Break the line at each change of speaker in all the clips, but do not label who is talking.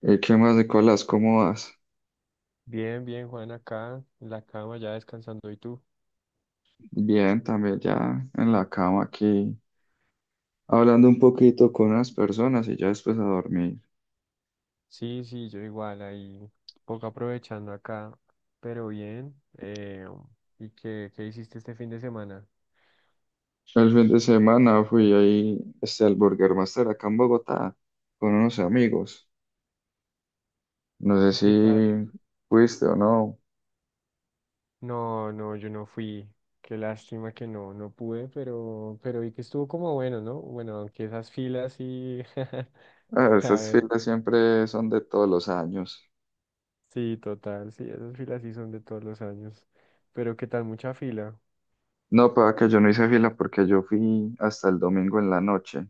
¿Qué más, Nicolás? ¿Cómo vas?
Bien, bien, Juan, acá en la cama ya descansando. ¿Y tú?
Bien, también ya en la cama aquí, hablando un poquito con unas personas y ya después a dormir.
Sí, sí, yo igual, ahí poco aprovechando acá, pero bien. ¿Y qué hiciste este fin de semana?
El fin de semana fui ahí al Burger Master acá en Bogotá con unos amigos. No sé
¿Y qué tal?
si fuiste o no.
No, no, yo no fui. Qué lástima que no pude, pero vi que estuvo como bueno, ¿no? Bueno, aunque esas filas sí,
Ah,
la
esas
verdad.
filas siempre son de todos los años.
Sí, total, sí, esas filas sí son de todos los años. Pero qué tal, mucha fila.
No, para que yo no hice fila porque yo fui hasta el domingo en la noche.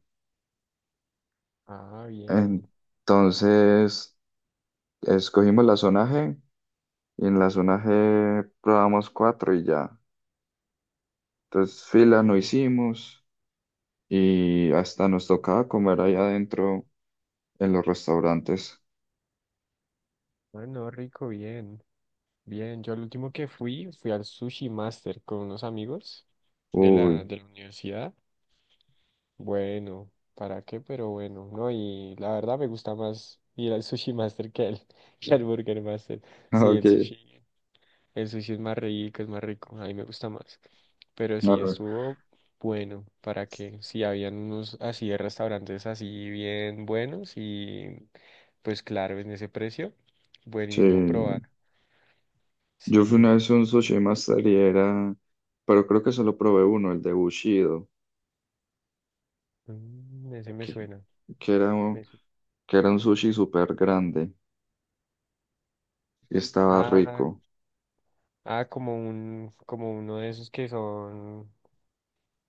Ah, bien.
Entonces, escogimos la zona G. Y en la zona G probamos cuatro y ya. Entonces
Ah,
fila no
bueno.
hicimos y hasta nos tocaba comer ahí adentro en los restaurantes.
Ah, no, rico, bien. Bien, yo al último que fui, fui al Sushi Master con unos amigos de
Uy,
la, de la universidad. Bueno, ¿para qué? Pero bueno, no, y la verdad me gusta más ir al Sushi Master que al, que al Burger Master. Sí,
ok.
el sushi es más rico, a mí me gusta más. Pero
A
sí,
ver,
estuvo bueno, ¿para qué? Sí, habían unos así de restaurantes así bien buenos y pues claro, en ese precio, buenísimo probar.
sí, yo fui una
Sí.
vez a un sushi master y era, pero creo que solo probé uno, el de Bushido,
Mm, ese me
que,
suena.
que era, un-
Me suena.
que era un sushi súper grande y estaba
Ah,
rico.
ah, como un, como uno de esos que son,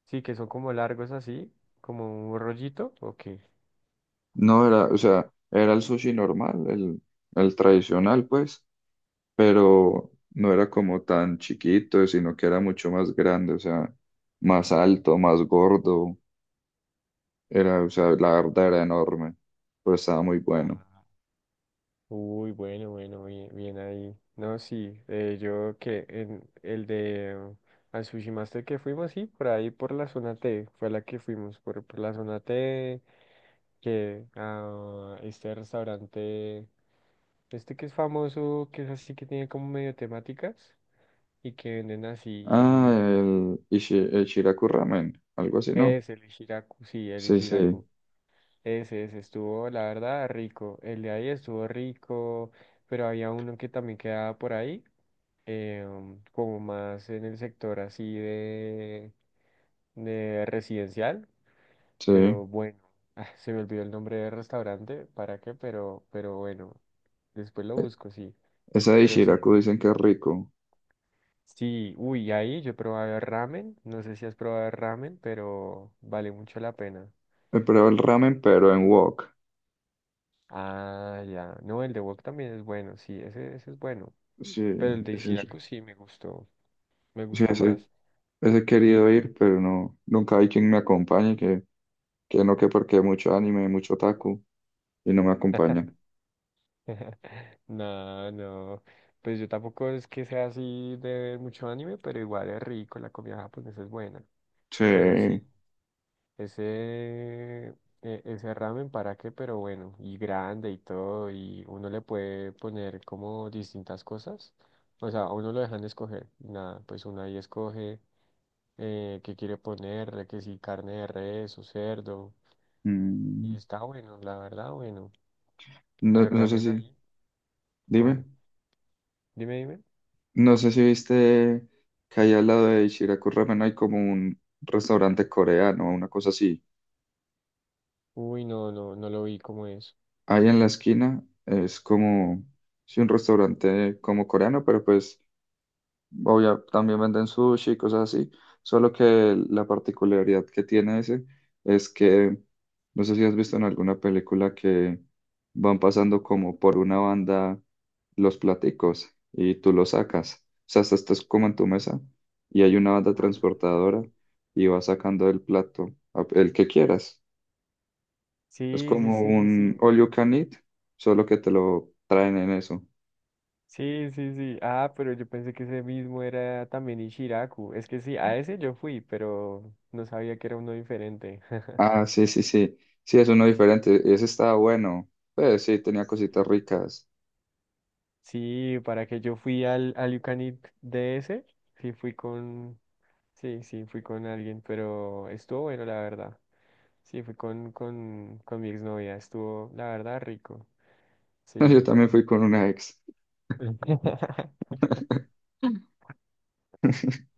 sí, que son como largos así, como un rollito, ok.
No era, o sea, era el sushi normal, el tradicional, pues pero no era como tan chiquito, sino que era mucho más grande, o sea, más alto, más gordo, era, o sea, la verdad era enorme, pero estaba muy bueno.
Ah. Uy, bueno, bueno, bien, bien ahí. No, sí, yo que en el de al Sushi Master que fuimos, sí, por ahí por la zona T, fue la que fuimos, por la zona T, que a este restaurante, este que es famoso, que es así que tiene como medio temáticas y que venden
Ah,
así.
el Shiraku Ramen, algo así, ¿no?
Es el Ishiraku, sí, el
Sí, sí,
Ishiraku. Ese estuvo, la verdad, rico. El de ahí estuvo rico, pero había uno que también quedaba por ahí, como más en el sector así de residencial,
sí.
pero bueno. Ah, se me olvidó el nombre del restaurante, ¿para qué? Pero bueno, después lo busco, sí.
Esa de
Pero sí,
Shiraku dicen que es rico.
sí, uy, ahí yo probaba ramen, no sé si has probado ramen, pero vale mucho la pena.
He probado el ramen, pero en wok.
Ah, ya. No, el de Wok también es bueno, sí, ese es bueno.
Sí,
Pero el de
ese, sí,
Shiraku sí me gustó
ese,
más.
ese he
Y
querido ir, pero no, nunca hay quien me acompañe, que no, que porque hay mucho anime, mucho otaku, y no me acompañan.
no, no. Pues yo tampoco es que sea así de ver mucho anime, pero igual es rico, la comida japonesa es buena. Pero sí,
Sí.
ese, ese ramen para qué, pero bueno, y grande y todo, y uno le puede poner como distintas cosas. O sea, a uno lo dejan escoger. Nada, pues uno ahí escoge. Qué quiere ponerle, que si carne de res o cerdo. Y
Mm,
está bueno, la verdad, bueno.
No,
El
no sé
ramen
si,
ahí,
dime,
bueno. Dime, dime.
no sé si viste que ahí al lado de Ichiraku Ramen hay como un restaurante coreano, una cosa así.
Uy, no, no, no lo vi como es.
Ahí en la esquina es como, sí, un restaurante como coreano, pero pues obvio también venden sushi y cosas así, solo que la particularidad que tiene ese es que, no sé si has visto en alguna película que van pasando como por una banda los platicos y tú los sacas, o sea, estás como en tu mesa y hay una banda
Ah,
transportadora y vas sacando el plato, el que quieras. Es
sí, sí,
como
sí, sí,
un
sí.
all you can eat, solo que te lo traen en eso.
Sí, sí, sí. Ah, pero yo pensé que ese mismo era también Ishiraku. Es que sí, a ese yo fui, pero no sabía que era uno diferente.
Ah, sí, sí, sí. Sí, es uno diferente y ese estaba bueno. Pues sí, tenía cositas
Sí,
ricas.
sí, para que yo fui al, al You Can Eat de ese, sí fui con, sí, sí, fui con alguien, pero estuvo bueno, la verdad. Sí, fui con mi exnovia, estuvo, la verdad, rico.
Yo
Sí.
también fui con una ex.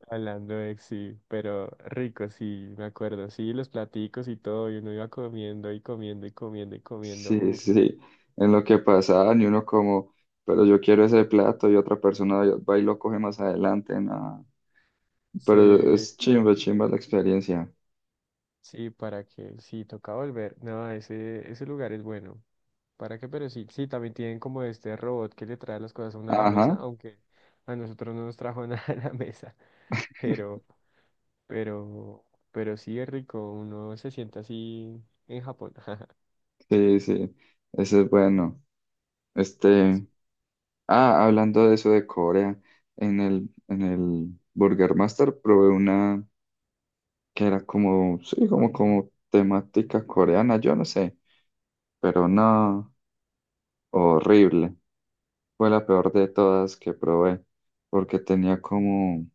Hablando de ex, sí, pero rico, sí, me acuerdo. Sí, los platicos y todo, y uno iba comiendo y comiendo y comiendo y comiendo.
Sí,
Uff,
sí. En lo que pasaban y uno como, pero yo quiero ese plato y otra persona va y lo coge más adelante. Nada. Pero
sí.
es chimba, chimba la experiencia.
Sí, para que, sí, toca volver. No, ese lugar es bueno. ¿Para qué? Pero sí, sí, también tienen como este robot que le trae las cosas a uno a la mesa,
Ajá.
aunque a nosotros no nos trajo nada a la mesa. Pero, pero, pero sí es rico, uno se siente así en Japón.
Sí, sí, ese es bueno. Este, ah, hablando de eso de Corea, en el, Burger Master probé una, que era como, sí, como temática coreana, yo no sé, pero no, horrible. Fue la peor de todas que probé, porque tenía como,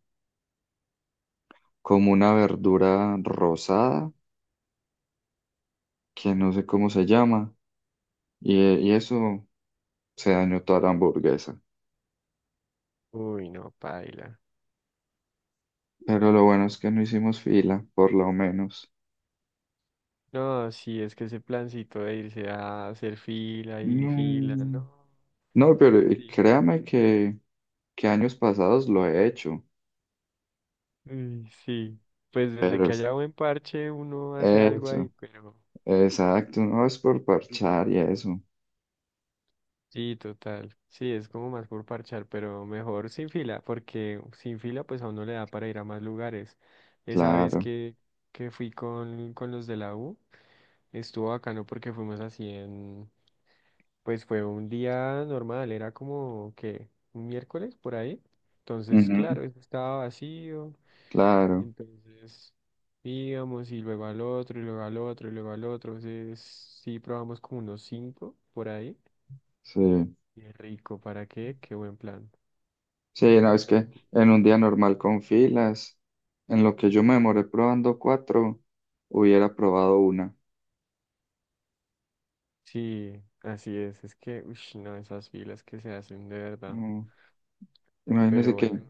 como una verdura rosada, que no sé cómo se llama, y eso se dañó toda la hamburguesa.
Uy, no, paila.
Pero lo bueno es que no hicimos fila, por lo menos.
No, sí, es que ese plancito de irse a hacer fila y fila,
No,
no.
no, pero
Sí.
créame que años pasados lo he hecho,
Uy, sí. Pues desde
pero
que haya buen parche, uno hace algo ahí,
eso.
pero.
Exacto, no es por parchar y eso,
Sí, total. Sí, es como más por parchar, pero mejor sin fila, porque sin fila pues a uno le da para ir a más lugares. Esa vez
claro,
que fui con los de la U, estuvo bacano porque fuimos así en, pues fue un día normal, era como que un miércoles por ahí. Entonces, claro,
ujú,
eso estaba vacío.
claro,
Entonces íbamos y luego al otro, y luego al otro, y luego al otro. Entonces sí probamos como unos cinco por ahí.
sí,
Qué rico, ¿para qué? Qué buen plan.
sí, no, es que en un día normal con filas, en lo que yo me demoré probando cuatro, hubiera probado una.
Sí, así es. Es que, uy, no, esas filas que se hacen de verdad.
Mm,
Pero
Imagínese
bueno,
que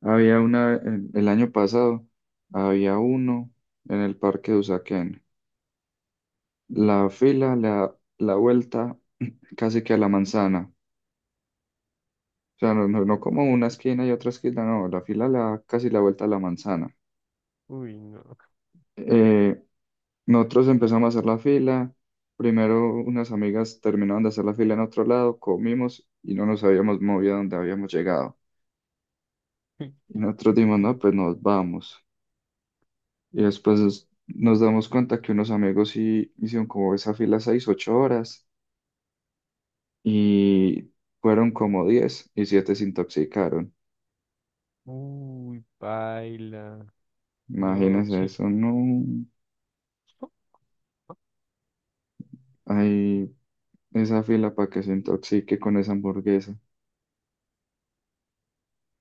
había una, el, año pasado, había uno en el parque de Usaquén, la fila, la vuelta casi que a la manzana, o sea, no, no, no como una esquina y otra esquina, no, la fila la, casi la vuelta a la manzana.
no. Uy, no.
Eh, Nosotros empezamos a hacer la fila. Primero unas amigas terminaron de hacer la fila en otro lado, comimos y no nos habíamos movido a donde habíamos llegado. Y nosotros dijimos, no,
No.
pues nos vamos. Y después nos damos cuenta que unos amigos sí hicieron como esa fila 6, 8 horas y fueron como 17 se intoxicaron.
Uy, paila. No,
Imagínense
qué-
eso, no hay esa fila para que se intoxique con esa hamburguesa.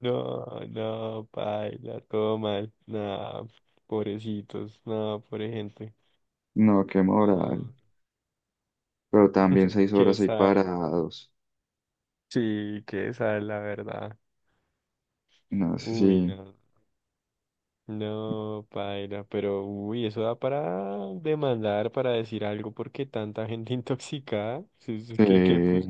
No, no, paila, todo mal. No, pobrecitos. No, pobre gente.
No, qué moral.
No,
Pero también seis
qué
horas ahí
sal.
parados.
Sí, qué sal, la verdad.
No sé
Uy,
si...
no. No, paila, pero uy, eso da para demandar, para decir algo, porque tanta gente intoxicada, sí, sí,
eh,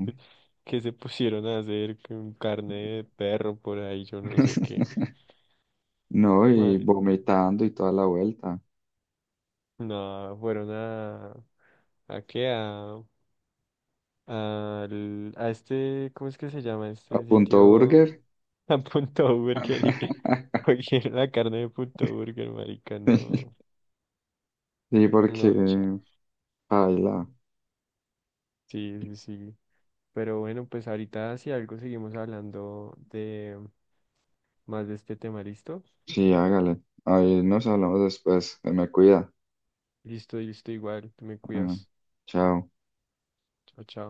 se pusieron a hacer con carne de perro por ahí, yo no sé qué.
no, y
Bueno,
vomitando y toda la vuelta.
no, fueron ¿a qué? A, a este, ¿cómo es que se llama?
A
Este
Punto
sitio,
Burger.
a Punto Burger, y cogieron la carne de Punto Burger, marica, no,
Sí, porque...
no, chao,
Paila.
sí, sí, sí. Pero bueno, pues ahorita si algo seguimos hablando de más de este tema, ¿listo?
Sí, hágale. Ahí nos hablamos después. Se me cuida.
Listo, listo, igual, te me
Bueno,
cuidas.
chao.
Chao, chao.